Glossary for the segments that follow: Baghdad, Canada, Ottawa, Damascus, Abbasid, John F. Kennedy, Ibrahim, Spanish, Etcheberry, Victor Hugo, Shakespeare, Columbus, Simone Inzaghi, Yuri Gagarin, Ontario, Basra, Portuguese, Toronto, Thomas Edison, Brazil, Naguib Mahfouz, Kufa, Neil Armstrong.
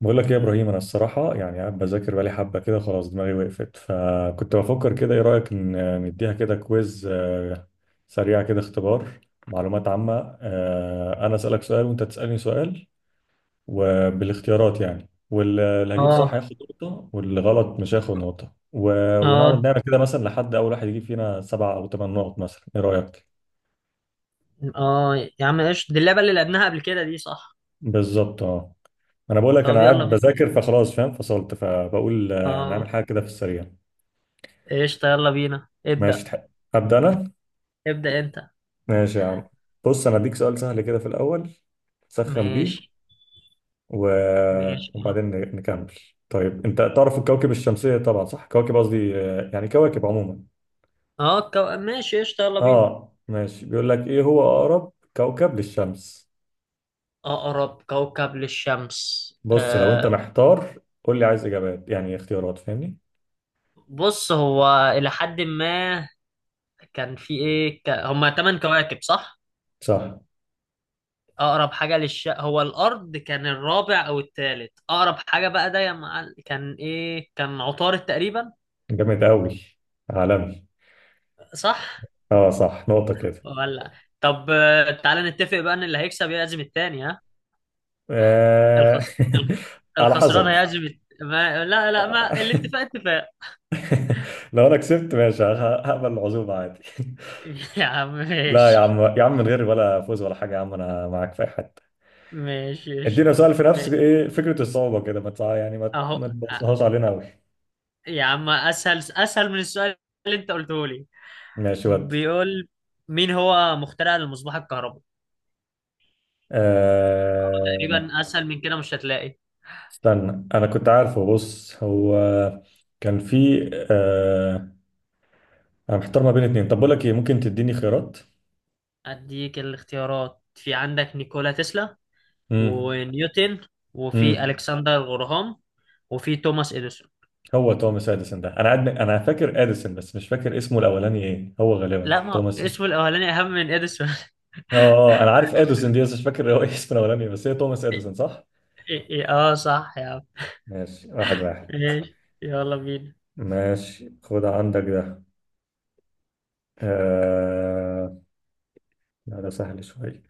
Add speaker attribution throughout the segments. Speaker 1: بقول لك إيه يا ابراهيم، انا الصراحه يعني قاعد بذاكر بقالي حبه كده، خلاص دماغي وقفت، فكنت بفكر كده ايه رايك ان نديها كده كويز سريع كده، اختبار معلومات عامه. انا اسالك سؤال وانت تسالني سؤال وبالاختيارات، يعني واللي هجيب صح
Speaker 2: اه،
Speaker 1: هياخد نقطه واللي غلط مش هياخد نقطه ونقعد
Speaker 2: اه،
Speaker 1: نعمل كده مثلا لحد اول واحد يجيب فينا سبع او ثمان نقط مثلا. ايه رايك؟
Speaker 2: اه، يا عم قشطة. دي اللعبة اللي لعبناها قبل كده، دي صح؟
Speaker 1: بالظبط اه. انا بقول لك انا
Speaker 2: طب يلا
Speaker 1: قاعد
Speaker 2: بينا.
Speaker 1: بذاكر، فخلاص فاهم، فصلت، فبقول
Speaker 2: اه،
Speaker 1: نعمل حاجه كده في السريع.
Speaker 2: قشطة يلا بينا
Speaker 1: ماشي
Speaker 2: ابدأ.
Speaker 1: تح- أبدأ أنا؟
Speaker 2: ابدأ انت.
Speaker 1: ماشي يا عم. بص أنا أديك سؤال سهل كده في الأول، تسخن بيه.
Speaker 2: ماشي،
Speaker 1: و...
Speaker 2: ماشي.
Speaker 1: وبعدين نكمل. طيب أنت تعرف الكواكب الشمسية طبعا صح؟ كواكب قصدي، يعني كواكب عموما.
Speaker 2: اه، ماشي قشطة يلا بينا.
Speaker 1: آه ماشي، بيقول لك إيه هو أقرب كوكب للشمس؟
Speaker 2: أقرب كوكب للشمس،
Speaker 1: بص لو أنت محتار قول لي عايز إجابات، يعني اختيارات، فاهمني؟
Speaker 2: بص هو إلى حد ما، كان في إيه، هما تمن كواكب صح؟
Speaker 1: صح.
Speaker 2: أقرب حاجة هو الأرض، كان الرابع أو الثالث أقرب حاجة. بقى ده كان إيه، كان عطارد تقريبا.
Speaker 1: جامد أوي، عالمي.
Speaker 2: صح
Speaker 1: آه صح، نقطة كده.
Speaker 2: ولا؟ طب، تعالى نتفق بقى ان اللي هيكسب يعزم التاني، ها؟
Speaker 1: آه...
Speaker 2: الخس... الخ-
Speaker 1: على
Speaker 2: الخسران
Speaker 1: حسب.
Speaker 2: هيعزم ما... لا، لا، ما الاتفاق اتفاق.
Speaker 1: لو انا كسبت ماشي، هقبل العزومه عادي
Speaker 2: يا عم،
Speaker 1: لا يا
Speaker 2: ماشي،
Speaker 1: عم يا عم، من غير ولا فوز ولا حاجه، يا عم انا معاك في اي حته.
Speaker 2: ماشي،
Speaker 1: ادينا
Speaker 2: قشطة.
Speaker 1: سؤال في نفس
Speaker 2: ماشي
Speaker 1: ايه فكره الصعوبه كده، ما تع- يعني ما
Speaker 2: اهو،
Speaker 1: ما تبصهاش علينا قوي.
Speaker 2: يا عم اسهل اسهل من السؤال اللي انت قلته لي.
Speaker 1: ماشي ودي.
Speaker 2: بيقول: مين هو مخترع المصباح الكهربائي؟
Speaker 1: أه...
Speaker 2: تقريبا اسهل من كده مش هتلاقي.
Speaker 1: استنى انا كنت عارفه، بص هو كان في انا محتار ما بين اتنين، طب بقول لك ايه، ممكن تديني خيارات؟
Speaker 2: اديك الاختيارات، في عندك نيكولا تسلا،
Speaker 1: امم.
Speaker 2: ونيوتن، وفي
Speaker 1: امم.
Speaker 2: الكسندر غراهام، وفي توماس اديسون.
Speaker 1: هو توماس اديسون ده انا انا فاكر اديسون بس مش فاكر اسمه الاولاني ايه، هو غالبا
Speaker 2: لا، ما
Speaker 1: توماس.
Speaker 2: اسمه الاولاني اهم من اديسون.
Speaker 1: اه، انا عارف اديسون دي بس مش فاكر هو إيه اسمه الاولاني، بس هي توماس اديسون صح؟
Speaker 2: إيه، اه، صح يا عم.
Speaker 1: ماشي، واحد واحد.
Speaker 2: ماشي يلا بينا.
Speaker 1: ماشي خد عندك ده. آه... لا ده سهل شوية،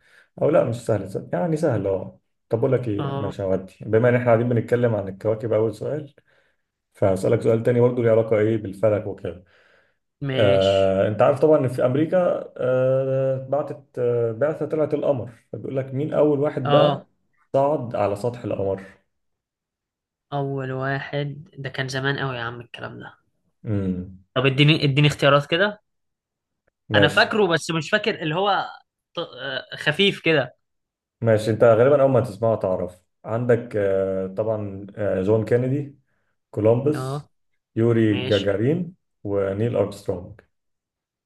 Speaker 1: او لا مش سهل سهل، يعني سهل اه. طب اقول لك ايه،
Speaker 2: اه.
Speaker 1: ماشي هودي، بما ان احنا قاعدين بنتكلم عن الكواكب اول سؤال، فهسألك سؤال تاني برضه ليه علاقة ايه بالفلك وكده.
Speaker 2: ماشي.
Speaker 1: انت عارف طبعا ان في امريكا آه، بعتت آه، بعثة طلعت القمر، فبيقول لك مين اول واحد بقى
Speaker 2: اه،
Speaker 1: صعد على سطح القمر؟
Speaker 2: اول واحد ده كان زمان قوي يا عم، الكلام ده.
Speaker 1: امم.
Speaker 2: طب اديني اديني اختيارات كده. انا
Speaker 1: ماشي،
Speaker 2: فاكره بس مش فاكر اللي هو، خفيف كده.
Speaker 1: ماشي انت غالبا اول ما تسمعه تعرف. عندك طبعا جون كينيدي،
Speaker 2: اه،
Speaker 1: كولومبوس، يوري
Speaker 2: ماشي.
Speaker 1: جاجارين، ونيل ارمسترونج.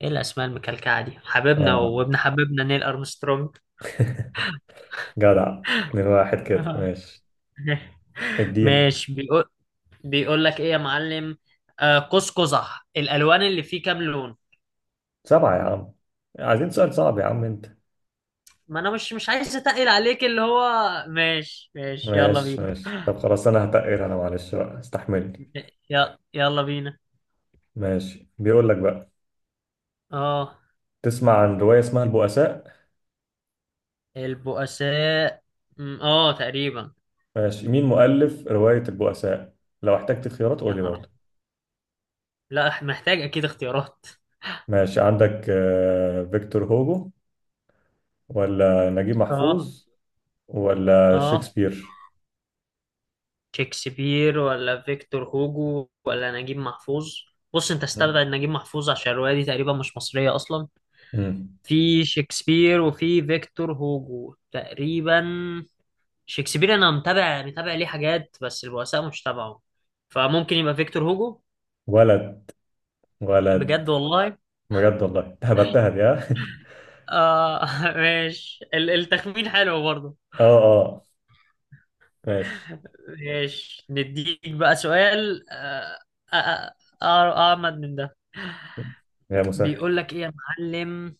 Speaker 2: ايه الاسماء المكلكعه دي؟ حبيبنا
Speaker 1: اه
Speaker 2: وابن حبيبنا نيل ارمسترونج.
Speaker 1: جدع. من واحد كده ماشي. ادينا.
Speaker 2: ماشي. بيقول لك ايه يا معلم؟ آه، قوس قزح الالوان اللي فيه كام لون؟
Speaker 1: سبعة يا عم، عايزين سؤال صعب يا عم انت.
Speaker 2: ما انا مش عايز اتقل عليك اللي هو. ماشي، ماشي، يلا
Speaker 1: ماشي
Speaker 2: بينا.
Speaker 1: ماشي، طب خلاص انا هتقر، انا معلش بقى استحملني.
Speaker 2: يلا يلا بينا.
Speaker 1: ماشي بيقول لك بقى،
Speaker 2: اه،
Speaker 1: تسمع عن رواية اسمها البؤساء؟
Speaker 2: البؤساء، اه تقريبا.
Speaker 1: ماشي، مين مؤلف رواية البؤساء؟ لو احتجت خيارات
Speaker 2: يا
Speaker 1: قول لي
Speaker 2: نهار أبيض.
Speaker 1: برضه.
Speaker 2: لا، محتاج اكيد اختيارات.
Speaker 1: ماشي عندك فيكتور هوجو، ولا نجيب
Speaker 2: اه،
Speaker 1: محفوظ، ولا
Speaker 2: اه،
Speaker 1: شكسبير.
Speaker 2: شكسبير ولا فيكتور هوجو ولا نجيب محفوظ؟ بص انت، استبعد نجيب محفوظ عشان الرواية دي تقريبا مش مصرية اصلا.
Speaker 1: مم.
Speaker 2: في شكسبير وفي فيكتور هوجو تقريبا. شكسبير انا متابع متابع ليه حاجات، بس البؤساء مش تابعه. فممكن يبقى فيكتور هوجو.
Speaker 1: ولد. ولد.
Speaker 2: بجد والله.
Speaker 1: بجد والله، هبتها دي ها.
Speaker 2: آه. ماشي، التخمين حلو برضه.
Speaker 1: اه اه ماشي.
Speaker 2: ماشي نديك بقى سؤال، آه آه أعمد من ده.
Speaker 1: يا مسهل.
Speaker 2: بيقول لك ايه يا معلم؟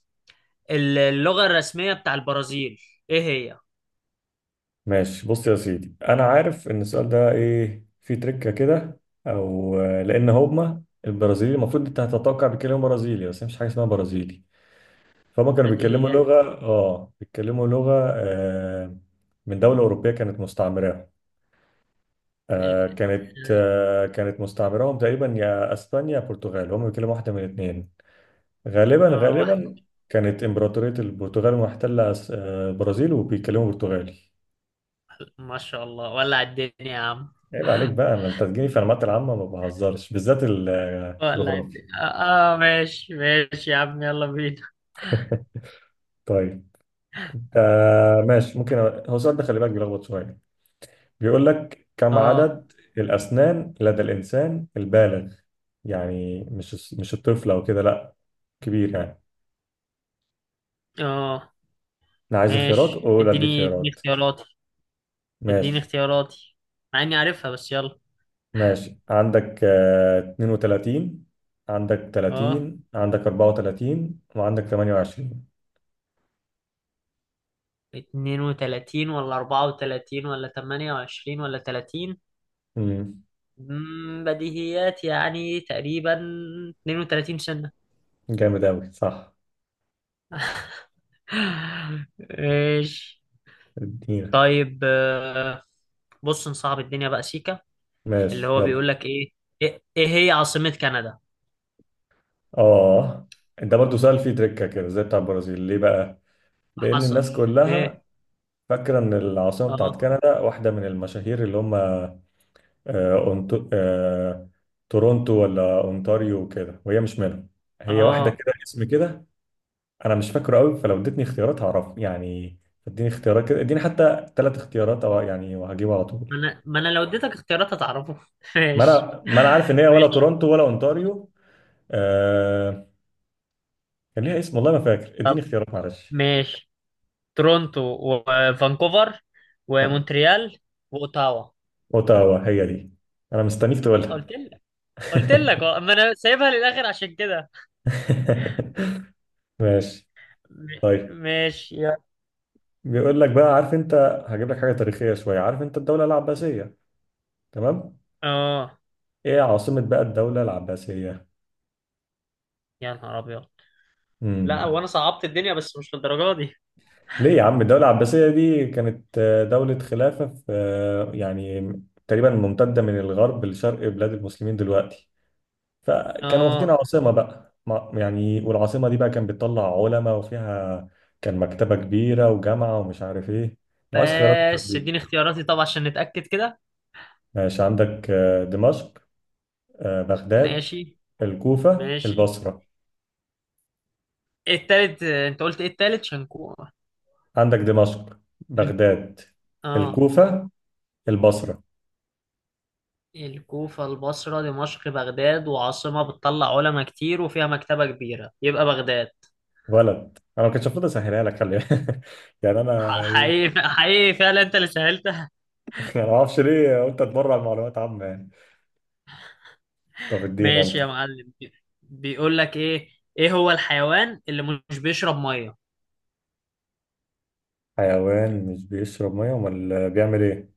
Speaker 2: اللغة الرسمية بتاع البرازيل، ايه هي؟
Speaker 1: ماشي بص يا سيدي، انا عارف ان السؤال ده ايه فيه تركة كده، او لان هما البرازيلي المفروض انت هتتوقع بيتكلموا برازيلي، بس هي مش حاجه اسمها برازيلي. فهم كانوا بيتكلموا
Speaker 2: بديهيات.
Speaker 1: لغه، اه بيتكلموا لغه آه، من دوله اوروبيه كانت مستعمره. آه
Speaker 2: ال-
Speaker 1: كانت، آه كانت مستعمرهم تقريبا، يا اسبانيا يا البرتغال، هم بيتكلموا واحده من الاثنين غالبا.
Speaker 2: واحد.
Speaker 1: غالبا كانت امبراطوريه البرتغال محتله البرازيل وبيتكلموا برتغالي.
Speaker 2: ما شاء الله، ولع الدنيا يا عم.
Speaker 1: عيب عليك بقى، انت تجيني في المعلومات العامه ما بهزرش، بالذات
Speaker 2: ولع
Speaker 1: الجغرافيا.
Speaker 2: الدنيا. اه، ماشي ماشي يا عم، يلا بينا.
Speaker 1: طيب. آه ماشي، ممكن، هو السؤال ده خلي بالك بيلخبط شويه. بيقول لك كم
Speaker 2: اه،
Speaker 1: عدد الاسنان لدى الانسان البالغ؟ يعني مش الطفل او كده لا، كبير يعني.
Speaker 2: اه،
Speaker 1: انا عايز خيارات،
Speaker 2: ماشي.
Speaker 1: اقول اديك
Speaker 2: اديني اديني
Speaker 1: خيارات.
Speaker 2: اختياراتي. اديني
Speaker 1: ماشي
Speaker 2: اختياراتي، مع اني عارفها بس يلا.
Speaker 1: ماشي، عندك 32، عندك
Speaker 2: اه،
Speaker 1: 30، عندك 34، وعندك 28.
Speaker 2: 32، ولا 34، ولا 28، ولا 30؟
Speaker 1: امم.
Speaker 2: بديهيات يعني تقريبا. 32 سنة.
Speaker 1: جامد أوي صح.
Speaker 2: ماشي.
Speaker 1: ادينا.
Speaker 2: طيب، بص نصعب الدنيا بقى سيكا. اللي
Speaker 1: ماشي
Speaker 2: هو
Speaker 1: يلا
Speaker 2: بيقول لك ايه. إيه هي عاصمة كندا؟
Speaker 1: اه. ده برضو سؤال فيه تريكة كده زي بتاع البرازيل، ليه بقى؟ لأن
Speaker 2: حصل.
Speaker 1: الناس كلها
Speaker 2: ايه.
Speaker 1: فاكرة إن العاصمة بتاعت
Speaker 2: اه،
Speaker 1: كندا واحدة من المشاهير اللي هم، أونت- آه، تورونتو ولا أونتاريو وكده، وهي مش منهم. هي واحدة
Speaker 2: اه،
Speaker 1: كده اسم كده، انا مش فاكره قوي، فلو اديتني اختيارات هعرف يعني. اديني اختيارات كده، اديني حتى ثلاث اختيارات، او يعني وهجيبه على طول.
Speaker 2: ما انا لو اديتك اختيارات هتعرفه.
Speaker 1: ما
Speaker 2: ماشي.
Speaker 1: انا ما انا عارف ان هي ولا
Speaker 2: ماشي
Speaker 1: تورونتو ولا اونتاريو. آه... كان ليها اسم والله ما فاكر،
Speaker 2: طب،
Speaker 1: اديني اختيارات معلش.
Speaker 2: ماشي. تورونتو، وفانكوفر، ومونتريال، واوتاوا.
Speaker 1: اوتاوا هي دي، انا مستنيك تقولها.
Speaker 2: قلت لك، قلت لك، ما انا سايبها للاخر عشان كده.
Speaker 1: ماشي.
Speaker 2: م-
Speaker 1: طيب،
Speaker 2: ماشي يا.
Speaker 1: بيقول لك بقى، عارف انت، هجيب لك حاجه تاريخيه شويه. عارف انت الدوله العباسيه، تمام؟
Speaker 2: اه،
Speaker 1: ايه عاصمه بقى الدوله العباسيه؟
Speaker 2: يا نهار ابيض. لا، وانا
Speaker 1: امم.
Speaker 2: صعبت الدنيا بس مش للدرجه دي.
Speaker 1: ليه يا عم، الدولة العباسية دي كانت دولة خلافة في، يعني تقريبا ممتدة من الغرب لشرق بلاد المسلمين دلوقتي، فكانوا واخدين
Speaker 2: اه،
Speaker 1: عاصمة بقى، يعني، والعاصمة دي بقى كان بتطلع علماء وفيها كان مكتبة كبيرة وجامعة ومش عارف ايه، العاش خيرات
Speaker 2: بس
Speaker 1: دي.
Speaker 2: اديني اختياراتي طبعا عشان نتأكد كده.
Speaker 1: ماشي عندك دمشق، بغداد،
Speaker 2: ماشي،
Speaker 1: الكوفة،
Speaker 2: ماشي.
Speaker 1: البصرة.
Speaker 2: التالت انت قلت ايه، التالت شنكو؟
Speaker 1: عندك دمشق، بغداد،
Speaker 2: اه،
Speaker 1: الكوفة، البصرة.
Speaker 2: الكوفة، البصرة، دمشق، بغداد. وعاصمة بتطلع علماء كتير وفيها مكتبة كبيرة، يبقى بغداد.
Speaker 1: ولد. انا ما كنتش المفروض اسهلها لك خلي بالك. يعني انا،
Speaker 2: حقيقي حقيقي فعلا انت اللي سهلتها.
Speaker 1: انا ما اعرفش ليه قلت اتبرع معلومات عامه يعني. طب ادينا
Speaker 2: ماشي
Speaker 1: انت.
Speaker 2: يا معلم. بيقول لك ايه؟ ايه هو الحيوان اللي مش بيشرب مية؟
Speaker 1: حيوان مش بيشرب ميه، امال بيعمل ايه؟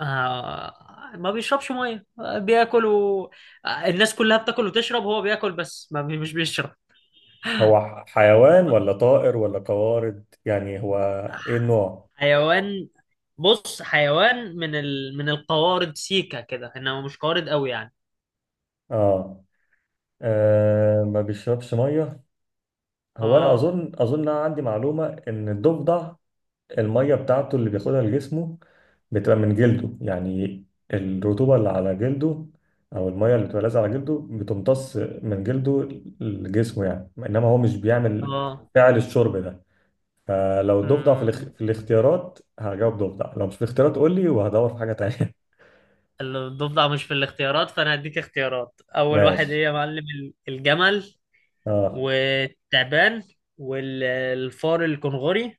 Speaker 2: آه، ما بيشربش مية، بياكل الناس كلها بتاكل وتشرب، هو بياكل بس ما بي... مش بيشرب.
Speaker 1: هو حيوان ولا طائر ولا قوارض، يعني هو ايه
Speaker 2: آه،
Speaker 1: النوع؟
Speaker 2: حيوان. بص حيوان من من القوارض سيكا كده، انما مش قوارض قوي يعني.
Speaker 1: اه. آه ما بيشربش ميه. هو انا
Speaker 2: اه،
Speaker 1: اظن، أنا عندي معلومه ان الضفدع المية بتاعته اللي بياخدها لجسمه بتبقى من جلده، يعني الرطوبة اللي على جلده، أو المية اللي بتبقى لازقة على جلده بتمتص من جلده لجسمه، يعني إنما هو مش بيعمل
Speaker 2: اه،
Speaker 1: فعل الشرب ده. فلو ضفدع في, الاخ...
Speaker 2: مم،
Speaker 1: في الاختيارات هجاوب ضفدع، لو مش في الاختيارات قول لي وهدور في حاجة تانية.
Speaker 2: الضفدع مش في الاختيارات، فانا هديك اختيارات. اول واحد
Speaker 1: ماشي
Speaker 2: ايه يا معلم؟ الجمل،
Speaker 1: اه.
Speaker 2: والتعبان، والفار الكنغوري،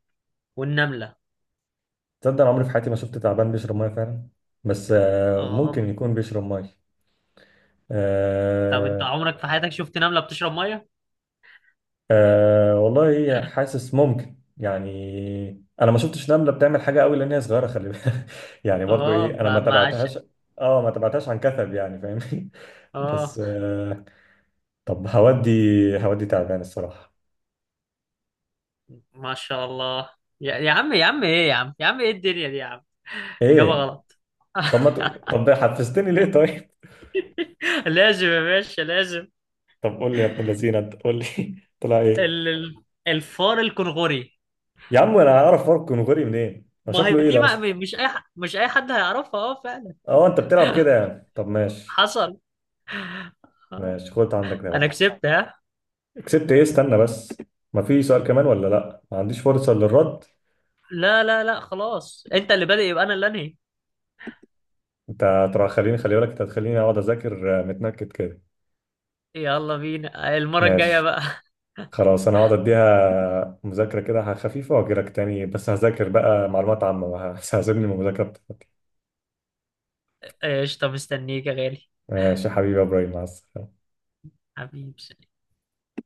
Speaker 2: والنملة.
Speaker 1: تصدق أنا عمري في حياتي ما شفت تعبان بيشرب مية فعلا، بس آه
Speaker 2: اه.
Speaker 1: ممكن يكون بيشرب مية.
Speaker 2: طب انت
Speaker 1: آه،
Speaker 2: عمرك في حياتك شفت نملة بتشرب مية؟
Speaker 1: أه والله حاسس ممكن يعني، انا ما شفتش نملة بتعمل حاجة قوي لان هي صغيرة خلي بالك. يعني برضو
Speaker 2: اه،
Speaker 1: ايه، انا
Speaker 2: ما
Speaker 1: ما
Speaker 2: ما عش...
Speaker 1: تابعتهاش. اه، ما تابعتهاش عن كثب يعني فاهمني.
Speaker 2: اه،
Speaker 1: بس أه. طب هودي، هودي تعبان الصراحة.
Speaker 2: ما شاء الله. يا عم يا عم، ايه الدنيا دي يا عم؟ اجابة
Speaker 1: ايه؟
Speaker 2: غلط.
Speaker 1: طب ما ت... طب حفزتني ليه طيب؟
Speaker 2: لازم يا باشا، لازم.
Speaker 1: طب قول لي يا ابن اللذينه، انت قول لي طلع ايه؟
Speaker 2: الفار الكنغوري.
Speaker 1: يا عم انا هعرف فرق كونغوري منين؟ هو
Speaker 2: ما هي
Speaker 1: شكله ايه
Speaker 2: دي،
Speaker 1: ده
Speaker 2: ما...
Speaker 1: اصلا؟
Speaker 2: مش اي حد هيعرفها، اه فعلا.
Speaker 1: اه انت بتلعب كده يعني، طب ماشي.
Speaker 2: حصل. آه.
Speaker 1: ماشي خد عندك ده
Speaker 2: انا
Speaker 1: بقى.
Speaker 2: كسبت، ها؟
Speaker 1: كسبت ايه؟ استنى بس، ما في سؤال كمان ولا لا، ما عنديش فرصة للرد؟
Speaker 2: لا، لا، لا، خلاص. انت اللي بادئ يبقى انا اللي انهي.
Speaker 1: انت ترى خليني، خلي بالك انت هتخليني اقعد اذاكر متنكد كده.
Speaker 2: يلا بينا المرة الجاية
Speaker 1: ماشي
Speaker 2: بقى.
Speaker 1: خلاص، انا هقعد اديها مذاكرة كده خفيفة واجيلك تاني، بس هذاكر بقى معلومات عامة، ما هسيبني من المذاكرة بتاعتي.
Speaker 2: قشطة، مستنيك يا غالي.
Speaker 1: ماشي يا حبيبي يا ابراهيم، مع السلامة.
Speaker 2: حبيبي.